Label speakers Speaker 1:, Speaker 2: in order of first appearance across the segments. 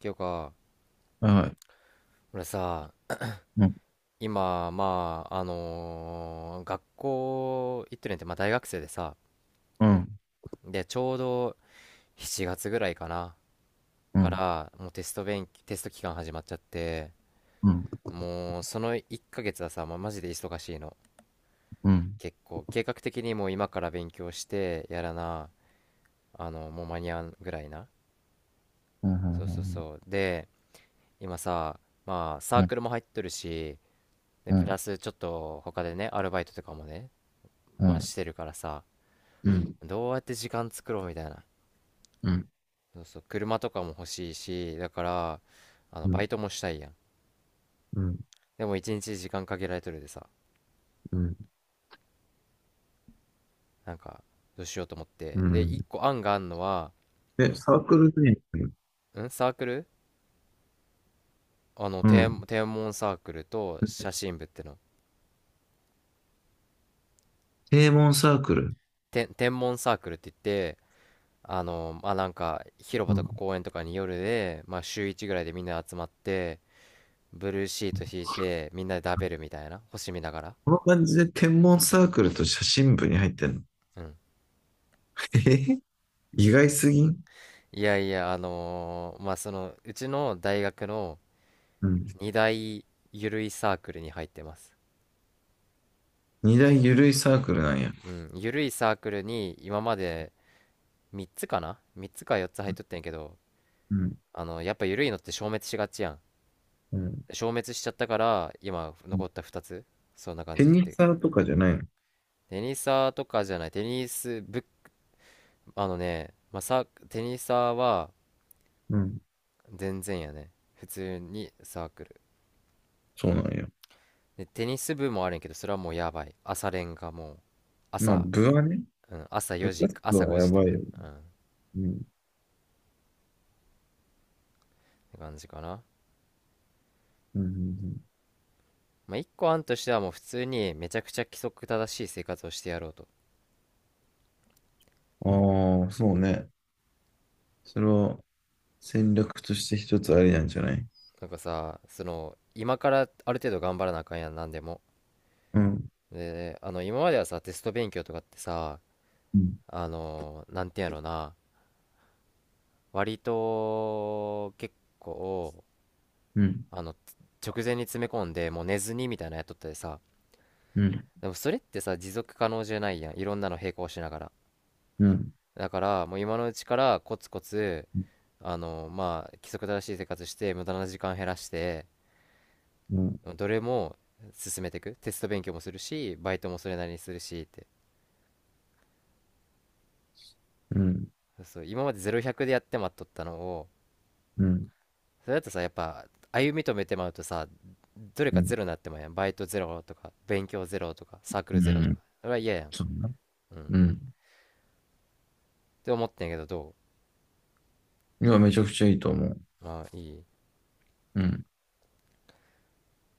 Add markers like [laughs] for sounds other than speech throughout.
Speaker 1: ていうか、
Speaker 2: はい。
Speaker 1: 俺さ、
Speaker 2: うん、
Speaker 1: 今、まあ、学校行ってるんやって、まあ、大学生でさ、
Speaker 2: うん、
Speaker 1: で、ちょうど7月ぐらいかな、
Speaker 2: う
Speaker 1: か
Speaker 2: ん、
Speaker 1: ら、もうテスト期間始まっちゃって、
Speaker 2: うん、うん、
Speaker 1: もう、その1ヶ月はさ、まあ、マジで忙しいの。
Speaker 2: うん、うん、
Speaker 1: 結構、計画的にもう今から勉強して、やらな、もう間に合うぐらいな。
Speaker 2: う
Speaker 1: そうそう
Speaker 2: ん、
Speaker 1: そう。で、今さ、まあ、サ
Speaker 2: う
Speaker 1: ー
Speaker 2: ん、
Speaker 1: クルも入っとるし、で、
Speaker 2: う
Speaker 1: プラ
Speaker 2: ん、
Speaker 1: スちょっと他でね、アルバイトとかもね、まあし
Speaker 2: う
Speaker 1: てるからさ、
Speaker 2: ん、
Speaker 1: どうやって時間作ろうみたいな。
Speaker 2: うん、うん、
Speaker 1: そうそう、車とかも欲しいし、だから、
Speaker 2: う
Speaker 1: バ
Speaker 2: ん、
Speaker 1: イトもしたいやん。でも一日時間限られとるでさ、
Speaker 2: うん、
Speaker 1: なんか、どうしようと思っ
Speaker 2: う
Speaker 1: て。で、一
Speaker 2: ん。
Speaker 1: 個案があんのは、
Speaker 2: で、サークルで、
Speaker 1: んサークル
Speaker 2: うん、
Speaker 1: 天文サークルと写真部っての。
Speaker 2: 天文サークル。
Speaker 1: 天文サークルって言って、まあ、なんか、広
Speaker 2: う
Speaker 1: 場と
Speaker 2: ん。
Speaker 1: か公園とかに夜で、まあ、週1ぐらいでみんな集まって、ブルーシート引いて、みんなで食べるみたいな。星見ながら。
Speaker 2: この感じで天文サークルと写真部に入ってんの？
Speaker 1: うん。
Speaker 2: [laughs] えへ、意外すぎん？
Speaker 1: いやいや、まあ、その、うちの大学の
Speaker 2: うん。
Speaker 1: 2大ゆるいサークルに入ってます。
Speaker 2: 二大ゆるいサークルなんや。
Speaker 1: うん、ゆるいサークルに今まで3つかな？ 3 つか4つ入っとってんやけど、
Speaker 2: うん、
Speaker 1: やっぱゆるいのって消滅しがちやん。
Speaker 2: うん。
Speaker 1: 消滅しちゃったから、今残った2つ、そんな感
Speaker 2: テ
Speaker 1: じっ
Speaker 2: ニス
Speaker 1: て。
Speaker 2: サーとかじゃないの？
Speaker 1: テニサーとかじゃない、テニス部、あのね、まあ、テニサーは
Speaker 2: うん。
Speaker 1: 全然やね。普通にサークル。
Speaker 2: そうなんや。
Speaker 1: で、テニス部もあるんやけど、それはもうやばい。朝練がもう、
Speaker 2: まあ、
Speaker 1: 朝、
Speaker 2: 部はね、
Speaker 1: うん、朝
Speaker 2: 部
Speaker 1: 4時、
Speaker 2: 活動
Speaker 1: 朝
Speaker 2: は
Speaker 1: 5
Speaker 2: や
Speaker 1: 時と
Speaker 2: ばい
Speaker 1: か、
Speaker 2: よ。
Speaker 1: うん、っ
Speaker 2: うん、
Speaker 1: て感じかな。
Speaker 2: うん、うん。うん、
Speaker 1: まあ、一個案としてはもう普通にめちゃくちゃ規則正しい生活をしてやろうと。
Speaker 2: ああ、そうね。それは戦略として一つありなんじゃない？
Speaker 1: なんかさ、その、今からある程度頑張らなあかんやん、なんでも。
Speaker 2: うん、
Speaker 1: で、今まではさ、テスト勉強とかってさ、
Speaker 2: うん、
Speaker 1: なんていうんやろうな、割と、結構、
Speaker 2: うん、
Speaker 1: あの、直前に詰め込んで、もう寝ずにみたいなのやっとったでさ、
Speaker 2: うん、
Speaker 1: でもそれってさ、持続可能じゃないやん、いろんなの並行しながら。
Speaker 2: うん、
Speaker 1: だからもう今のうちからコツコツ、
Speaker 2: う
Speaker 1: まあ規則正しい生活して無駄な時間減らして、
Speaker 2: ん、
Speaker 1: どれも進めていく。テスト勉強もするし、バイトもそれなりにするしって、
Speaker 2: うん、
Speaker 1: そう今まで0100でやってまっとったのを、
Speaker 2: うん、
Speaker 1: それだとさ、やっぱ歩み止めてまうとさ、どれ
Speaker 2: う
Speaker 1: かゼ
Speaker 2: ん、
Speaker 1: ロになってまうやん。バイトゼロとか勉強ゼロとかサーク
Speaker 2: う
Speaker 1: ルゼロとか、
Speaker 2: ん、
Speaker 1: それは嫌やん。
Speaker 2: そうな。
Speaker 1: うん、っ
Speaker 2: うん。
Speaker 1: て思ってんやけど、ど
Speaker 2: いや、めちゃくちゃいいと思う。
Speaker 1: う？ああ、いい。
Speaker 2: うん。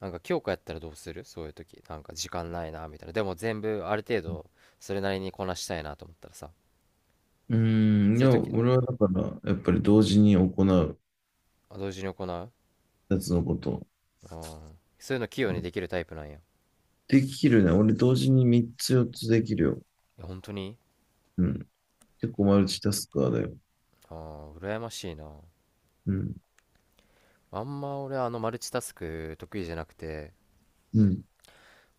Speaker 1: なんか強化やったらどうする、そういう時。なんか時間ないなみたいな、でも全部ある程度それなりにこなしたいなと思ったらさ、
Speaker 2: うん、い
Speaker 1: そういう
Speaker 2: や、
Speaker 1: 時な。
Speaker 2: 俺はだから、やっぱり同時に行う
Speaker 1: あ、同時に行う。
Speaker 2: やつのことを。
Speaker 1: あー、そういうの器用
Speaker 2: う
Speaker 1: に
Speaker 2: ん、
Speaker 1: できるタイプなんや。い
Speaker 2: できるね。俺同時に3つ4つできるよ。
Speaker 1: や、本当に？
Speaker 2: うん。結構マルチタスカーだよ。
Speaker 1: あー、羨ましいな。
Speaker 2: うん。
Speaker 1: あんま俺、マルチタスク得意じゃなくて、
Speaker 2: うん。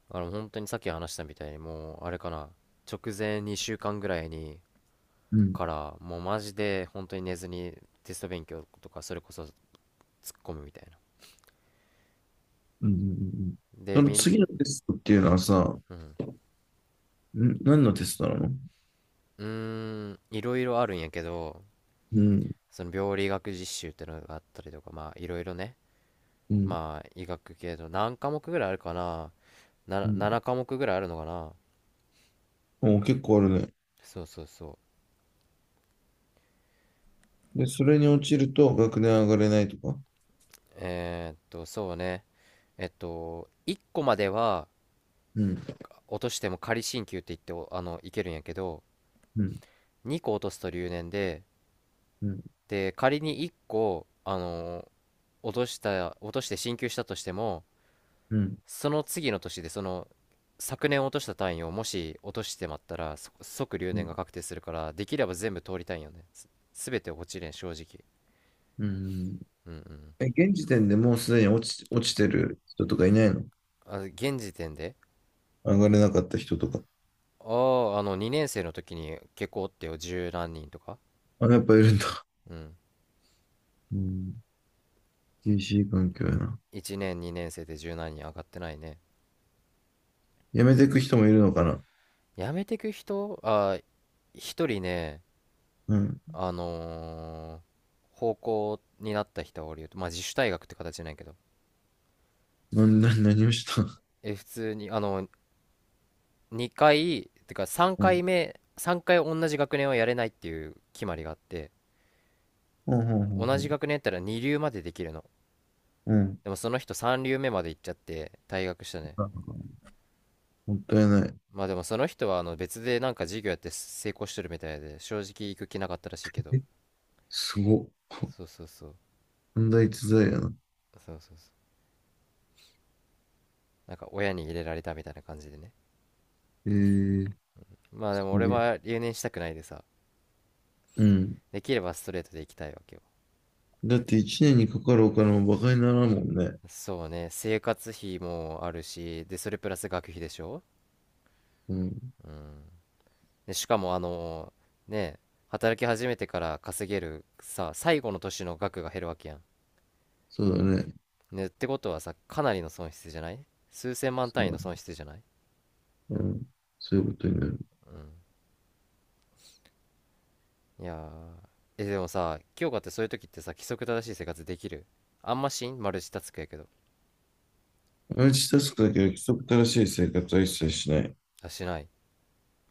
Speaker 1: 本当にさっき話したみたいに、もうあれかな、直前2週間ぐらいに、
Speaker 2: うん。
Speaker 1: からもうマジで本当に寝ずにテスト勉強とか、それこそ突っ込むみたいな。
Speaker 2: うん。うん、うん、
Speaker 1: で
Speaker 2: その
Speaker 1: みん
Speaker 2: 次のテストっていうのはさ、ん、
Speaker 1: うん。
Speaker 2: 何のテストなの？
Speaker 1: うーん、いろいろあるんやけど、
Speaker 2: うん。
Speaker 1: その病理学実習ってのがあったりとか、まあいろいろね、
Speaker 2: うん。
Speaker 1: まあ医学系の何科目ぐらいあるかな、
Speaker 2: う
Speaker 1: な、
Speaker 2: ん。
Speaker 1: 7科目ぐらいあるのかな。
Speaker 2: お、結構あるね。
Speaker 1: そうそうそ
Speaker 2: で、それに落ちると学年上がれないとか。
Speaker 1: う。えーっと、そうね。えっと、1個までは
Speaker 2: うん。
Speaker 1: 落としても仮進級って言って、いけるんやけど、
Speaker 2: うん。
Speaker 1: 2個落とすと留年で、
Speaker 2: うん。
Speaker 1: で、仮に1個、落として進級したとしても、
Speaker 2: うん。
Speaker 1: その次の年で、その昨年落とした単位をもし落としてまったら、即留
Speaker 2: う
Speaker 1: 年が
Speaker 2: ん。
Speaker 1: 確定するから、できれば全部通りたいんよね。全て落ちれん、正直。
Speaker 2: うん。
Speaker 1: うんうん。
Speaker 2: え、現時点でもうすでに落ちてる人とかいないの？
Speaker 1: あ、現時点で。
Speaker 2: 上がれなかった人とか。
Speaker 1: ああ、2年生の時に結構おってよ、十何人とか。
Speaker 2: あ、やっぱいるんだ。
Speaker 1: うん。
Speaker 2: うん。厳しい環境やな。
Speaker 1: 1年2年生で十何人上がってないね。
Speaker 2: 辞めていく人もいるのかな。
Speaker 1: やめてく人、あー、一人ね、
Speaker 2: うん。
Speaker 1: 方向になった人はおるよ。まあ自主退学って形なんやけど、
Speaker 2: 何をした？
Speaker 1: え、普通に2回てか3
Speaker 2: うん。
Speaker 1: 回目3回同じ学年はやれないっていう決まりがあって、
Speaker 2: ほうほうほう
Speaker 1: 同じ
Speaker 2: ほ
Speaker 1: 学年やったら2流までできるの。
Speaker 2: う。うん。
Speaker 1: でもその人3流目まで行っちゃって退学したね。
Speaker 2: あ、もったいない。
Speaker 1: まあでもその人は別でなんか授業やって成功してるみたいで、正直行く気なかったらしいけど。
Speaker 2: え、すごっ。
Speaker 1: そうそうそう。
Speaker 2: 問題逸材やな。
Speaker 1: そうそうそう。なんか親に入れられたみたいな感じでね。
Speaker 2: えー、
Speaker 1: まあで
Speaker 2: す
Speaker 1: も俺
Speaker 2: げえ。
Speaker 1: は留年したくないでさ、
Speaker 2: うん。
Speaker 1: できればストレートで行きたいわけよ。
Speaker 2: だって一年にかかるお金も馬鹿にならんもんね。
Speaker 1: そうね、生活費もあるし、でそれプラス学費でしょ。
Speaker 2: うん。
Speaker 1: うん。でしかも、ね、働き始めてから稼げるさ、最後の年の額が減るわけやん。
Speaker 2: そうだね。
Speaker 1: ね、ってことはさ、かなりの損失じゃない？数千万
Speaker 2: そ
Speaker 1: 単
Speaker 2: う
Speaker 1: 位
Speaker 2: だ
Speaker 1: の
Speaker 2: ね。
Speaker 1: 損失じゃない？
Speaker 2: うん。そういうことになる。
Speaker 1: うん、いやー。え、でもさ、今日かって、そういう時ってさ規則正しい生活できる？あんまし？んマルチタスクやけど。
Speaker 2: マルチタスクだけは規則正しい生活は一切しない。
Speaker 1: あ、しない。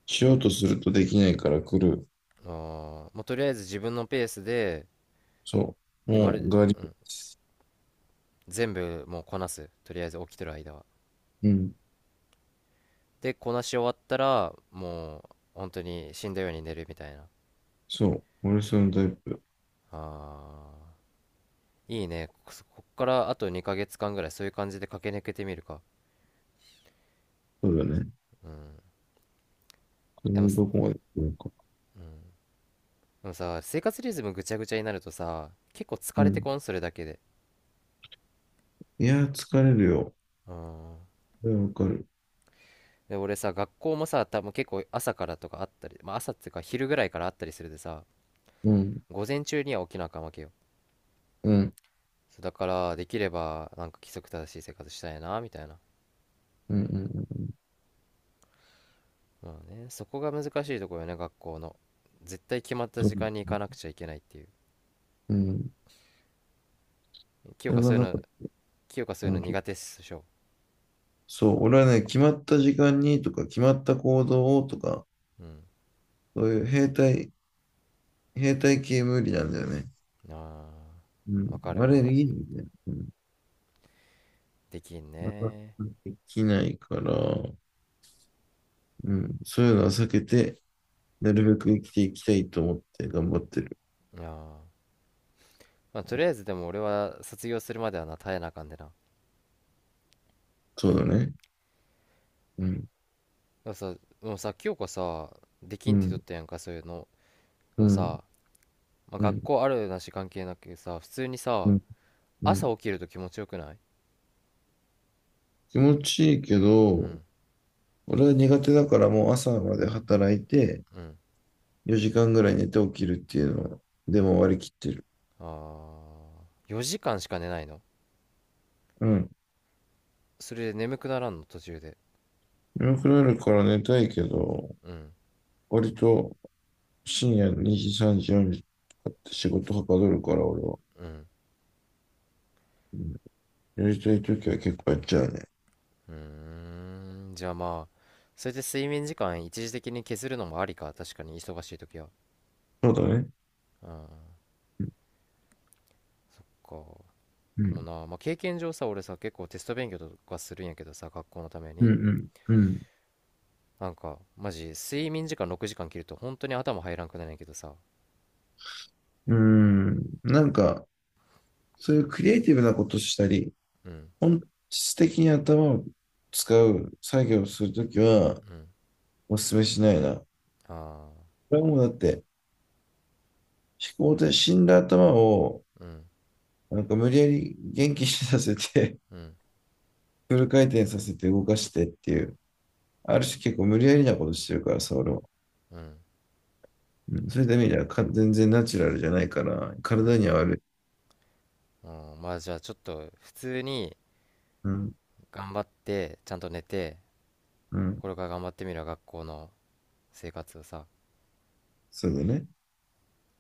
Speaker 2: しようとするとできないから来る。
Speaker 1: あー、もうとりあえず自分のペースで、
Speaker 2: そう。
Speaker 1: で
Speaker 2: も
Speaker 1: ま
Speaker 2: う、
Speaker 1: る、
Speaker 2: ガリ。
Speaker 1: うん、全部もうこなす。とりあえず起きてる間は、
Speaker 2: うん。
Speaker 1: でこなし終わったらもう本当に死んだように寝るみたいな。
Speaker 2: そう。俺そのタイプ。
Speaker 1: あー、いいね。ここっからあと2ヶ月間ぐらい、そういう感じで駆け抜けてみるか。
Speaker 2: そうだね。
Speaker 1: うん。
Speaker 2: それ
Speaker 1: でも
Speaker 2: に
Speaker 1: す、
Speaker 2: どこまで来るか。
Speaker 1: でもさ、生活リズムぐちゃぐちゃになるとさ、結構
Speaker 2: う
Speaker 1: 疲れて
Speaker 2: ん。
Speaker 1: こん、それだけで。
Speaker 2: いやー、疲れるよ。
Speaker 1: うん。
Speaker 2: それはわかる。
Speaker 1: で、俺さ、学校もさ、多分結構朝からとかあったり、まあ朝っていうか昼ぐらいからあったりするでさ、
Speaker 2: うん。
Speaker 1: 午前中には起きなあかんわけよ。
Speaker 2: うん。
Speaker 1: そうだから、できればなんか規則正しい生活したいな、みたいな。
Speaker 2: うん。うん。うん。
Speaker 1: まあね、そこが難しいところよね、学校の。絶対決まった
Speaker 2: そう
Speaker 1: 時
Speaker 2: で
Speaker 1: 間
Speaker 2: す
Speaker 1: に行かなく
Speaker 2: ね。
Speaker 1: ちゃいけないっていう。
Speaker 2: うん。そ
Speaker 1: 清
Speaker 2: れ
Speaker 1: 香
Speaker 2: が
Speaker 1: そうい
Speaker 2: な
Speaker 1: う
Speaker 2: ん
Speaker 1: の、
Speaker 2: か、
Speaker 1: 清香そうい
Speaker 2: あ
Speaker 1: うの
Speaker 2: う、ちょっ
Speaker 1: 苦
Speaker 2: と
Speaker 1: 手っしょ。
Speaker 2: そう、俺はね、決まった時間にとか、決まった行動をとか、
Speaker 1: うん。
Speaker 2: そういう兵隊、兵隊系無理なんだよね。
Speaker 1: あ
Speaker 2: う
Speaker 1: あ、わ
Speaker 2: ん、
Speaker 1: かる
Speaker 2: あれ、
Speaker 1: わ。
Speaker 2: いいみたいな。うん、
Speaker 1: できん
Speaker 2: なかなか
Speaker 1: ね。
Speaker 2: できないから、うん、そういうのは避けて、なるべく生きていきたいと思って頑張ってる。
Speaker 1: ああ。まあ、とりあえずでも俺は卒業するまではな、耐えなあかんでな。
Speaker 2: そうだね。うん、
Speaker 1: でもさ、もうさ、清子さ、できん
Speaker 2: う
Speaker 1: って言っと
Speaker 2: ん、
Speaker 1: ったやんか、そういうの。
Speaker 2: う
Speaker 1: でも
Speaker 2: ん、
Speaker 1: さ、まあ、
Speaker 2: う
Speaker 1: 学
Speaker 2: ん、
Speaker 1: 校あるなし関係なくさ、普通に
Speaker 2: う
Speaker 1: さ、
Speaker 2: ん、うん。
Speaker 1: 朝起きると気持ちよくない？
Speaker 2: 気持ちいいけ
Speaker 1: う
Speaker 2: ど、
Speaker 1: ん、
Speaker 2: 俺は苦手だからもう朝まで働いて、
Speaker 1: うん。
Speaker 2: 4時間ぐらい寝て起きるっていうのは、でも割り切ってる。
Speaker 1: ああ、4時間しか寝ないの？
Speaker 2: うん。
Speaker 1: それで眠くならんの、途中で。
Speaker 2: 眠くなるから寝たいけど、
Speaker 1: うん、
Speaker 2: 割と深夜2時、3時、4時とかって仕事はかどるから俺は。
Speaker 1: うん。
Speaker 2: うん。やりたいときは結構やっちゃうね。
Speaker 1: うーん、じゃあまあ、それで睡眠時間一時的に削るのもありか、確かに忙しい時は。
Speaker 2: そうだね。
Speaker 1: うん。か
Speaker 2: う
Speaker 1: でも
Speaker 2: ん。
Speaker 1: な、まあ、経験上さ、俺さ結構テスト勉強とかするんやけどさ、学校のため
Speaker 2: う
Speaker 1: に、
Speaker 2: ん。うん。
Speaker 1: なんかマジ睡眠時間6時間切ると本当に頭入らんくなるんやけどさ。
Speaker 2: うん。うん。なんか、そういうクリエイティブなことしたり、
Speaker 1: うん、
Speaker 2: 本質的に頭を使う作業をするときは、
Speaker 1: うん。
Speaker 2: お勧めしないな。こ
Speaker 1: ああ、
Speaker 2: れはもうだって、思考で死んだ頭を、
Speaker 1: うん、
Speaker 2: なんか無理やり元気にさせて、
Speaker 1: うん、
Speaker 2: [laughs] フル回転させて動かしてっていう。ある種結構無理やりなことしてるからさ、俺は。
Speaker 1: うん、
Speaker 2: うん、そういった意味ではか全然ナチュラルじゃないから、
Speaker 1: うん、
Speaker 2: 体には悪い。
Speaker 1: うん。まあじゃあちょっと普通に
Speaker 2: うん、
Speaker 1: 頑張ってちゃんと寝て、
Speaker 2: うん、
Speaker 1: これから頑張ってみるわ、学校の生活をさ。
Speaker 2: そうだね。